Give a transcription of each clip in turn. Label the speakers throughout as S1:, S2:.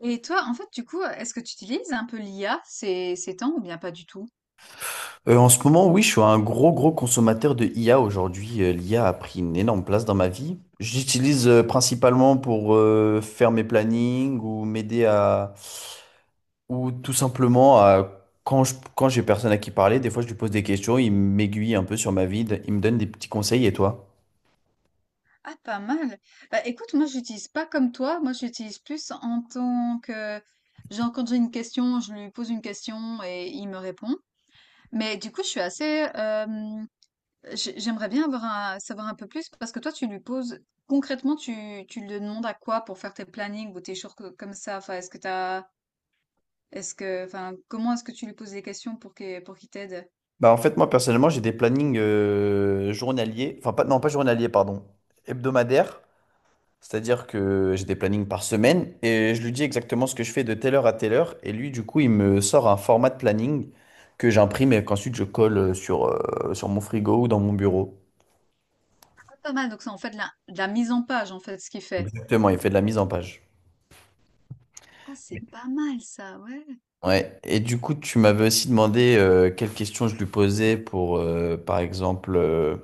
S1: Et toi, en fait, du coup, est-ce que tu utilises un peu l'IA ces temps ou bien pas du tout?
S2: En ce moment, oui, je suis un gros, gros consommateur de IA aujourd'hui. L'IA a pris une énorme place dans ma vie. J'utilise principalement pour faire mes plannings ou m'aider à... ou tout simplement à... quand quand j'ai personne à qui parler, des fois je lui pose des questions, il m'aiguille un peu sur ma vie, il me donne des petits conseils. Et toi?
S1: Ah, pas mal. Bah, écoute, moi, j'utilise pas comme toi. Moi, j'utilise plus en tant que, genre, quand j'ai une question, je lui pose une question et il me répond. Mais du coup, je suis assez, j'aimerais bien avoir savoir un peu plus parce que toi, tu lui poses, concrètement, tu lui demandes à quoi pour faire tes plannings ou tes choses comme ça. Enfin, est-ce que, enfin, comment est-ce que tu lui poses des questions pour qu'il t'aide?
S2: Bah, en fait, moi, personnellement, j'ai des plannings journaliers, enfin, pas... non, pas journaliers, pardon, hebdomadaires. C'est-à-dire que j'ai des plannings par semaine et je lui dis exactement ce que je fais de telle heure à telle heure. Et lui, du coup, il me sort un format de planning que j'imprime et qu'ensuite je colle sur, sur mon frigo ou dans mon bureau.
S1: Pas mal, donc c'est en fait de la mise en page, en fait, ce qu'il fait.
S2: Exactement, il fait de la mise en page.
S1: Ah, c'est pas mal ça, ouais.
S2: Ouais. Et du coup, tu m'avais aussi demandé quelles questions je lui posais pour, par exemple,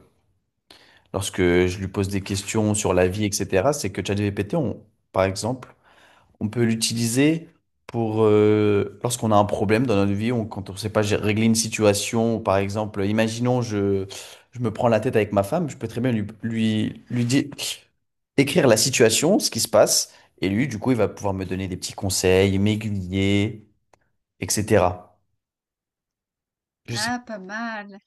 S2: lorsque je lui pose des questions sur la vie, etc. C'est que ChatGPT, on, par exemple, on peut l'utiliser pour lorsqu'on a un problème dans notre vie, on, quand on ne sait pas régler une situation, ou par exemple, je me prends la tête avec ma femme, je peux très bien lui dire, écrire la situation, ce qui se passe, et lui, du coup, il va pouvoir me donner des petits conseils, m'aiguiller, etc. Je sais.
S1: Ah, pas mal.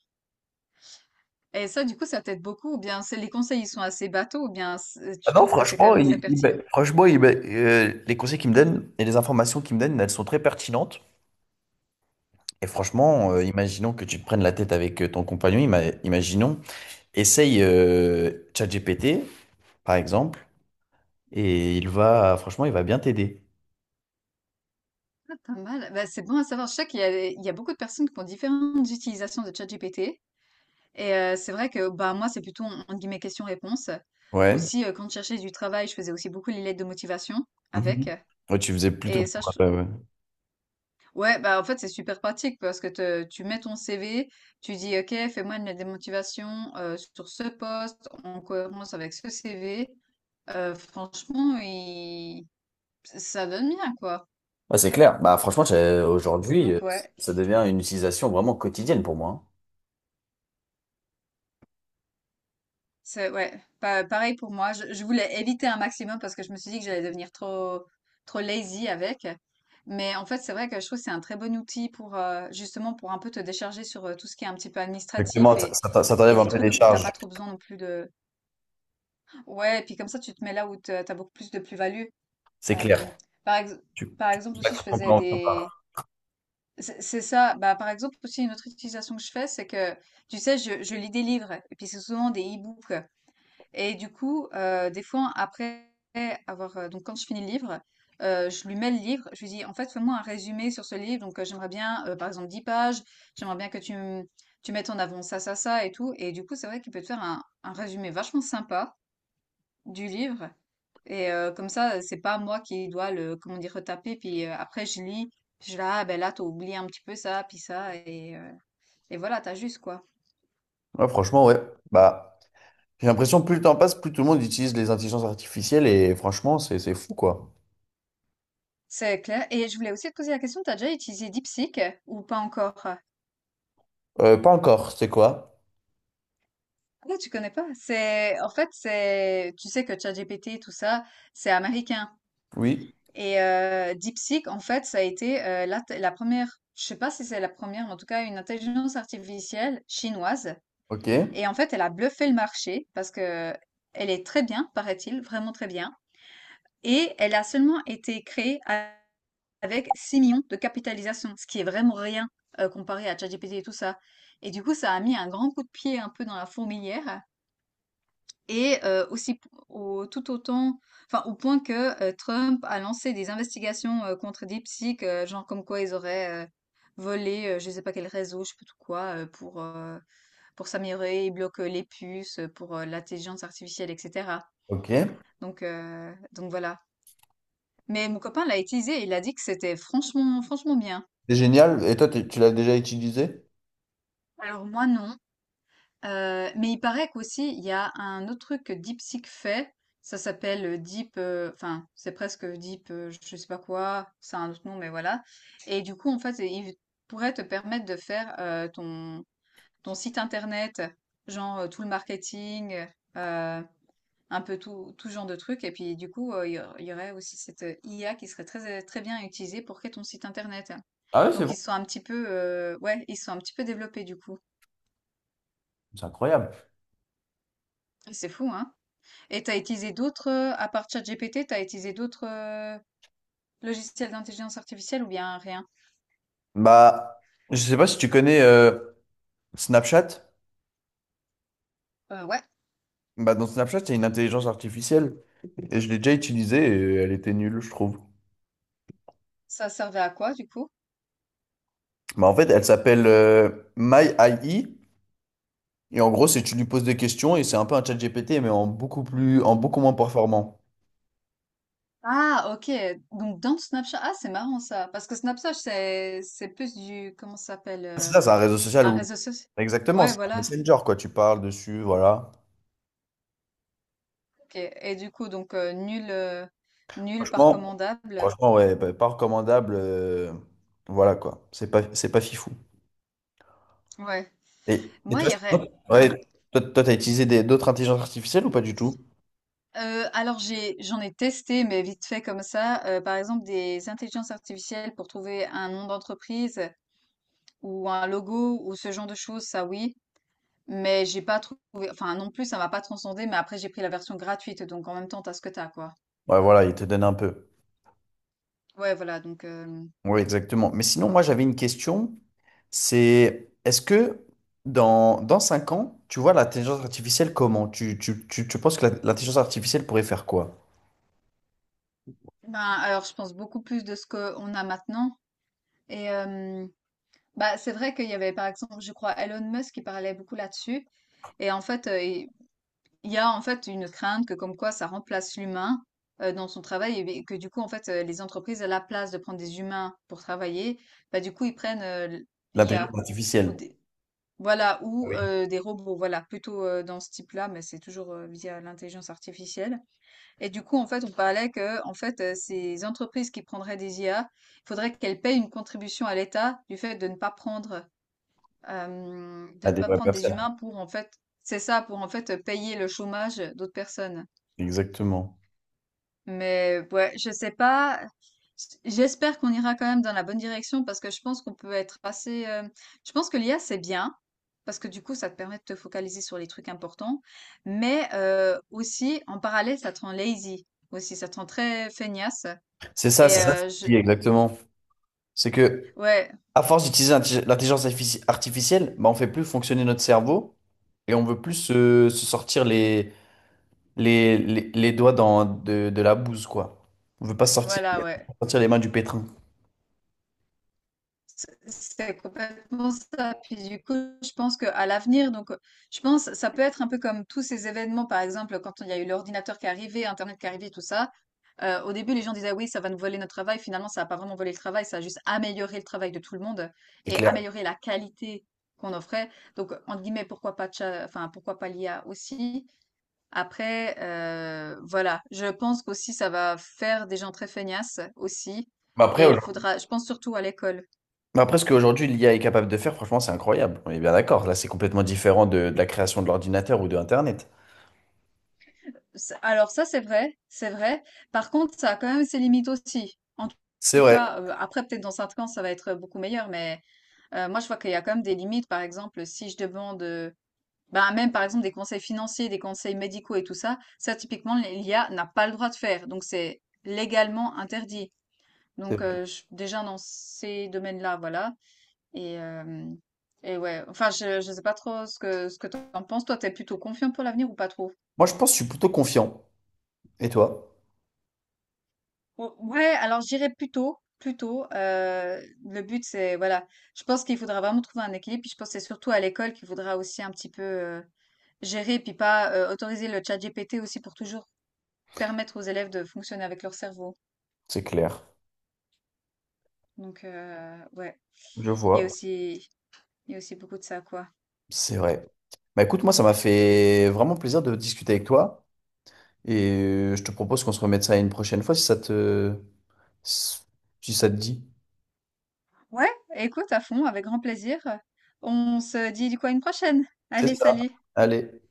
S1: Et ça, du coup, ça t'aide beaucoup, ou bien c'est les conseils, ils sont assez bateaux, ou bien
S2: Ah
S1: tu
S2: non,
S1: trouves que c'est quand
S2: franchement,
S1: même très pertinent.
S2: franchement, les conseils qu'il me donne et les informations qu'il me donne, elles sont très pertinentes. Et franchement, imaginons que tu te prennes la tête avec ton compagnon, imaginons. Essaye ChatGPT, par exemple, et il va, franchement, il va bien t'aider.
S1: Ça, pas mal. Bah, c'est bon à savoir. Je sais qu'il y a beaucoup de personnes qui ont différentes utilisations de ChatGPT. Et c'est vrai que bah, moi, c'est plutôt, entre guillemets, question-réponse.
S2: Ouais.
S1: Aussi, quand je cherchais du travail, je faisais aussi beaucoup les lettres de motivation avec.
S2: Mhm. Ouais, tu faisais plutôt.
S1: Et ça,
S2: Ouais, ouais.
S1: ouais, bah en fait, c'est super pratique parce que tu mets ton CV, tu dis, OK, fais-moi une lettre de motivation sur ce poste en cohérence avec ce CV. Franchement, ça donne bien, quoi.
S2: Ouais, c'est clair. Bah, franchement, aujourd'hui,
S1: Donc, ouais,
S2: ça devient une utilisation vraiment quotidienne pour moi, hein.
S1: c'est ouais, pareil pour moi. Je voulais éviter un maximum parce que je me suis dit que j'allais devenir trop, trop lazy avec. Mais en fait, c'est vrai que je trouve que c'est un très bon outil pour justement pour un peu te décharger sur tout ce qui est un petit peu
S2: Exactement,
S1: administratif
S2: ça,
S1: et,
S2: ça
S1: et
S2: t'enlève un
S1: des
S2: peu
S1: trucs
S2: des
S1: où t'as
S2: charges,
S1: pas trop besoin non plus de. Ouais, et puis comme ça, tu te mets là où tu as beaucoup plus de plus-value.
S2: c'est clair.
S1: Euh, par, ex-
S2: Tu,
S1: Par
S2: tu
S1: exemple, aussi, je
S2: consacres ton
S1: faisais
S2: temps à ça.
S1: des. C'est ça. Bah, par exemple, aussi, une autre utilisation que je fais, c'est que, tu sais, je lis des livres, et puis c'est souvent des e-books. Et du coup, des fois, donc, quand je finis le livre, je lui mets le livre, je lui dis, en fait, fais-moi un résumé sur ce livre. Donc, j'aimerais bien, par exemple, 10 pages, j'aimerais bien que tu mettes en avant ça, ça, ça, et tout. Et du coup, c'est vrai qu'il peut te faire un résumé vachement sympa du livre. Et comme ça, c'est pas moi qui dois le, comment dire, retaper. Puis après, je lis, puis je suis là, ah ben là, t'as oublié un petit peu ça, puis ça, et voilà, t'as juste quoi.
S2: Ouais, franchement, ouais. Bah, j'ai l'impression que plus le temps passe, plus tout le monde utilise les intelligences artificielles et franchement, c'est fou, quoi.
S1: C'est clair. Et je voulais aussi te poser la question, t'as déjà utilisé DeepSeek ou pas encore?
S2: Pas encore, c'est quoi?
S1: Ah, tu connais pas. C'est, en fait, c'est, tu sais que ChatGPT, tout ça, c'est américain.
S2: Oui,
S1: Et DeepSeek, en fait, ça a été la première, je sais pas si c'est la première, mais en tout cas, une intelligence artificielle chinoise.
S2: ok,
S1: Et en fait, elle a bluffé le marché parce que elle est très bien, paraît-il, vraiment très bien. Et elle a seulement été créée avec 6 millions de capitalisation, ce qui est vraiment rien comparé à ChatGPT et tout ça. Et du coup, ça a mis un grand coup de pied un peu dans la fourmilière. Et aussi tout autant, enfin au point que Trump a lancé des investigations contre DeepSeek, genre comme quoi ils auraient volé, je ne sais pas quel réseau, je sais pas tout quoi, pour s'améliorer, ils bloquent les puces pour l'intelligence artificielle, etc.
S2: ok.
S1: Donc voilà. Mais mon copain l'a utilisé, il a dit que c'était franchement, franchement bien.
S2: C'est génial. Et toi, tu l'as déjà utilisé?
S1: Alors moi non. Mais il paraît qu'aussi il y a un autre truc que DeepSeek fait. Ça s'appelle Deep, enfin c'est presque Deep, je sais pas quoi, c'est un autre nom, mais voilà. Et du coup en fait il pourrait te permettre de faire ton site internet, genre tout le marketing. euh, un peu tout, tout genre de trucs. Et puis du coup, il y aurait aussi cette IA qui serait très, très bien utilisée pour créer ton site internet.
S2: Ah ouais, c'est
S1: Donc
S2: bon.
S1: ils sont un petit peu, ouais, ils sont un petit peu développés du coup.
S2: C'est incroyable.
S1: Et c'est fou, hein? Et t'as utilisé d'autres, à part ChatGPT, t'as utilisé d'autres logiciels d'intelligence artificielle ou bien rien?
S2: Bah, je sais pas si tu connais Snapchat.
S1: Ouais,
S2: Bah, dans Snapchat, il y a une intelligence artificielle. Et je l'ai déjà utilisée et elle était nulle, je trouve.
S1: ça servait à quoi du coup?
S2: Bah, en fait, elle s'appelle My AI. Et en gros, c'est tu lui poses des questions et c'est un peu un chat GPT, mais en beaucoup plus, en beaucoup moins performant.
S1: Ah, ok. Donc dans Snapchat, ah, c'est marrant ça, parce que Snapchat c'est plus du, comment ça s'appelle,
S2: C'est ça, c'est un réseau social
S1: un
S2: où.
S1: réseau social.
S2: Exactement,
S1: Ouais,
S2: c'est un
S1: voilà.
S2: messenger, quoi. Tu parles dessus, voilà.
S1: Ok. Et du coup, donc nul par
S2: Franchement,
S1: commandable.
S2: franchement, ouais, pas recommandable, voilà quoi, c'est pas fifou.
S1: Ouais.
S2: Et
S1: Moi,
S2: toi,
S1: il y
S2: c'est-
S1: aurait
S2: non. Ouais,
S1: un.
S2: t'as utilisé des- d'autres intelligences artificielles ou pas du tout?
S1: Alors j'en ai testé, mais vite fait comme ça. Par exemple, des intelligences artificielles pour trouver un nom d'entreprise ou un logo ou ce genre de choses, ça oui. Mais j'ai pas trouvé. Enfin, non plus, ça m'a pas transcendé. Mais après, j'ai pris la version gratuite, donc en même temps, t'as ce que t'as, quoi.
S2: Ouais, voilà, il te donne un peu.
S1: Ouais, voilà. Donc,
S2: Oui, exactement. Mais sinon, moi, j'avais une question. C'est, est-ce que dans 5 ans, tu vois l'intelligence artificielle comment? Tu penses que l'intelligence artificielle pourrait faire quoi?
S1: ben alors, je pense beaucoup plus de ce qu'on a maintenant. Et bah, c'est vrai qu'il y avait, par exemple, je crois, Elon Musk qui parlait beaucoup là-dessus. Et en fait, il y a en fait une crainte que comme quoi ça remplace l'humain dans son travail et que du coup, en fait, les entreprises, à la place de prendre des humains pour travailler, bah, du coup, ils prennent
S2: L'intelligence
S1: l'IA ou
S2: artificielle.
S1: des, voilà,
S2: Ah
S1: ou
S2: oui.
S1: des robots, voilà, plutôt dans ce type-là, mais c'est toujours via l'intelligence artificielle. Et du coup, en fait, on parlait que, en fait, ces entreprises qui prendraient des IA, il faudrait qu'elles payent une contribution à l'État du fait de ne pas prendre de
S2: À
S1: ne
S2: des
S1: pas
S2: vraies
S1: prendre des
S2: personnes.
S1: humains pour en fait, c'est ça, pour en fait payer le chômage d'autres personnes.
S2: Exactement.
S1: Mais ouais, je sais pas. J'espère qu'on ira quand même dans la bonne direction parce que je pense qu'on peut être assez. Je pense que l'IA c'est bien parce que du coup ça te permet de te focaliser sur les trucs importants, mais aussi en parallèle ça te rend lazy aussi, ça te rend très feignasse. Et
S2: C'est ça, ce que
S1: euh, je...
S2: je dis, exactement. C'est que
S1: ouais,
S2: à force d'utiliser l'intelligence artificielle, bah, on fait plus fonctionner notre cerveau et on veut plus se sortir les doigts dans, de la bouse, quoi. On veut pas sortir,
S1: voilà, ouais.
S2: sortir les mains du pétrin,
S1: C'est complètement ça. Puis du coup, je pense qu'à l'avenir, donc, je pense ça peut être un peu comme tous ces événements, par exemple, quand il y a eu l'ordinateur qui est arrivé, internet qui est arrivé, tout ça. Au début, les gens disaient: «Oui, ça va nous voler notre travail». Finalement, ça a pas vraiment volé le travail, ça a juste amélioré le travail de tout le monde
S2: c'est
S1: et
S2: clair.
S1: amélioré la qualité qu'on offrait. Donc, entre guillemets, «pourquoi pas tcha enfin, pourquoi pas l'IA aussi?» Après, voilà, je pense qu'aussi ça va faire des gens très feignasses aussi
S2: Mais après,
S1: et
S2: aujourd'hui-
S1: faudra je pense surtout à l'école.
S2: mais après, ce qu'aujourd'hui l'IA est capable de faire, franchement, c'est incroyable. On est bien d'accord. Là, c'est complètement différent de, la création de l'ordinateur ou de Internet.
S1: Alors ça, c'est vrai, c'est vrai. Par contre, ça a quand même ses limites aussi. En
S2: C'est
S1: tout
S2: vrai.
S1: cas, après, peut-être dans 5 ans, ça va être beaucoup meilleur, mais moi, je vois qu'il y a quand même des limites. Par exemple, si je demande, bah, même par exemple des conseils financiers, des conseils médicaux et tout ça, ça, typiquement, l'IA n'a pas le droit de faire. Donc, c'est légalement interdit. Donc,
S2: C'est-
S1: déjà dans ces domaines-là, voilà. Et, euh, et ouais, enfin, je sais pas trop ce que t'en penses. Toi, t'es plutôt confiant pour l'avenir ou pas trop?
S2: Moi, je pense que je suis plutôt confiant. Et toi?
S1: Ou ouais, alors je plutôt, plutôt tôt, le but c'est voilà, je pense qu'il faudra vraiment trouver un équilibre, puis je pense que c'est surtout à l'école qu'il faudra aussi un petit peu, gérer, puis pas, autoriser le ChatGPT aussi pour toujours permettre aux élèves de fonctionner avec leur cerveau.
S2: C'est clair.
S1: Donc ouais,
S2: Je
S1: il y a
S2: vois.
S1: aussi il y a aussi beaucoup de ça, quoi.
S2: C'est vrai. Bah écoute, moi, ça m'a fait vraiment plaisir de discuter avec toi. Et je te propose qu'on se remette ça une prochaine fois si ça te, si ça te dit.
S1: Ouais, écoute à fond, avec grand plaisir. On se dit du coup à une prochaine.
S2: C'est
S1: Allez,
S2: ça.
S1: salut.
S2: Allez.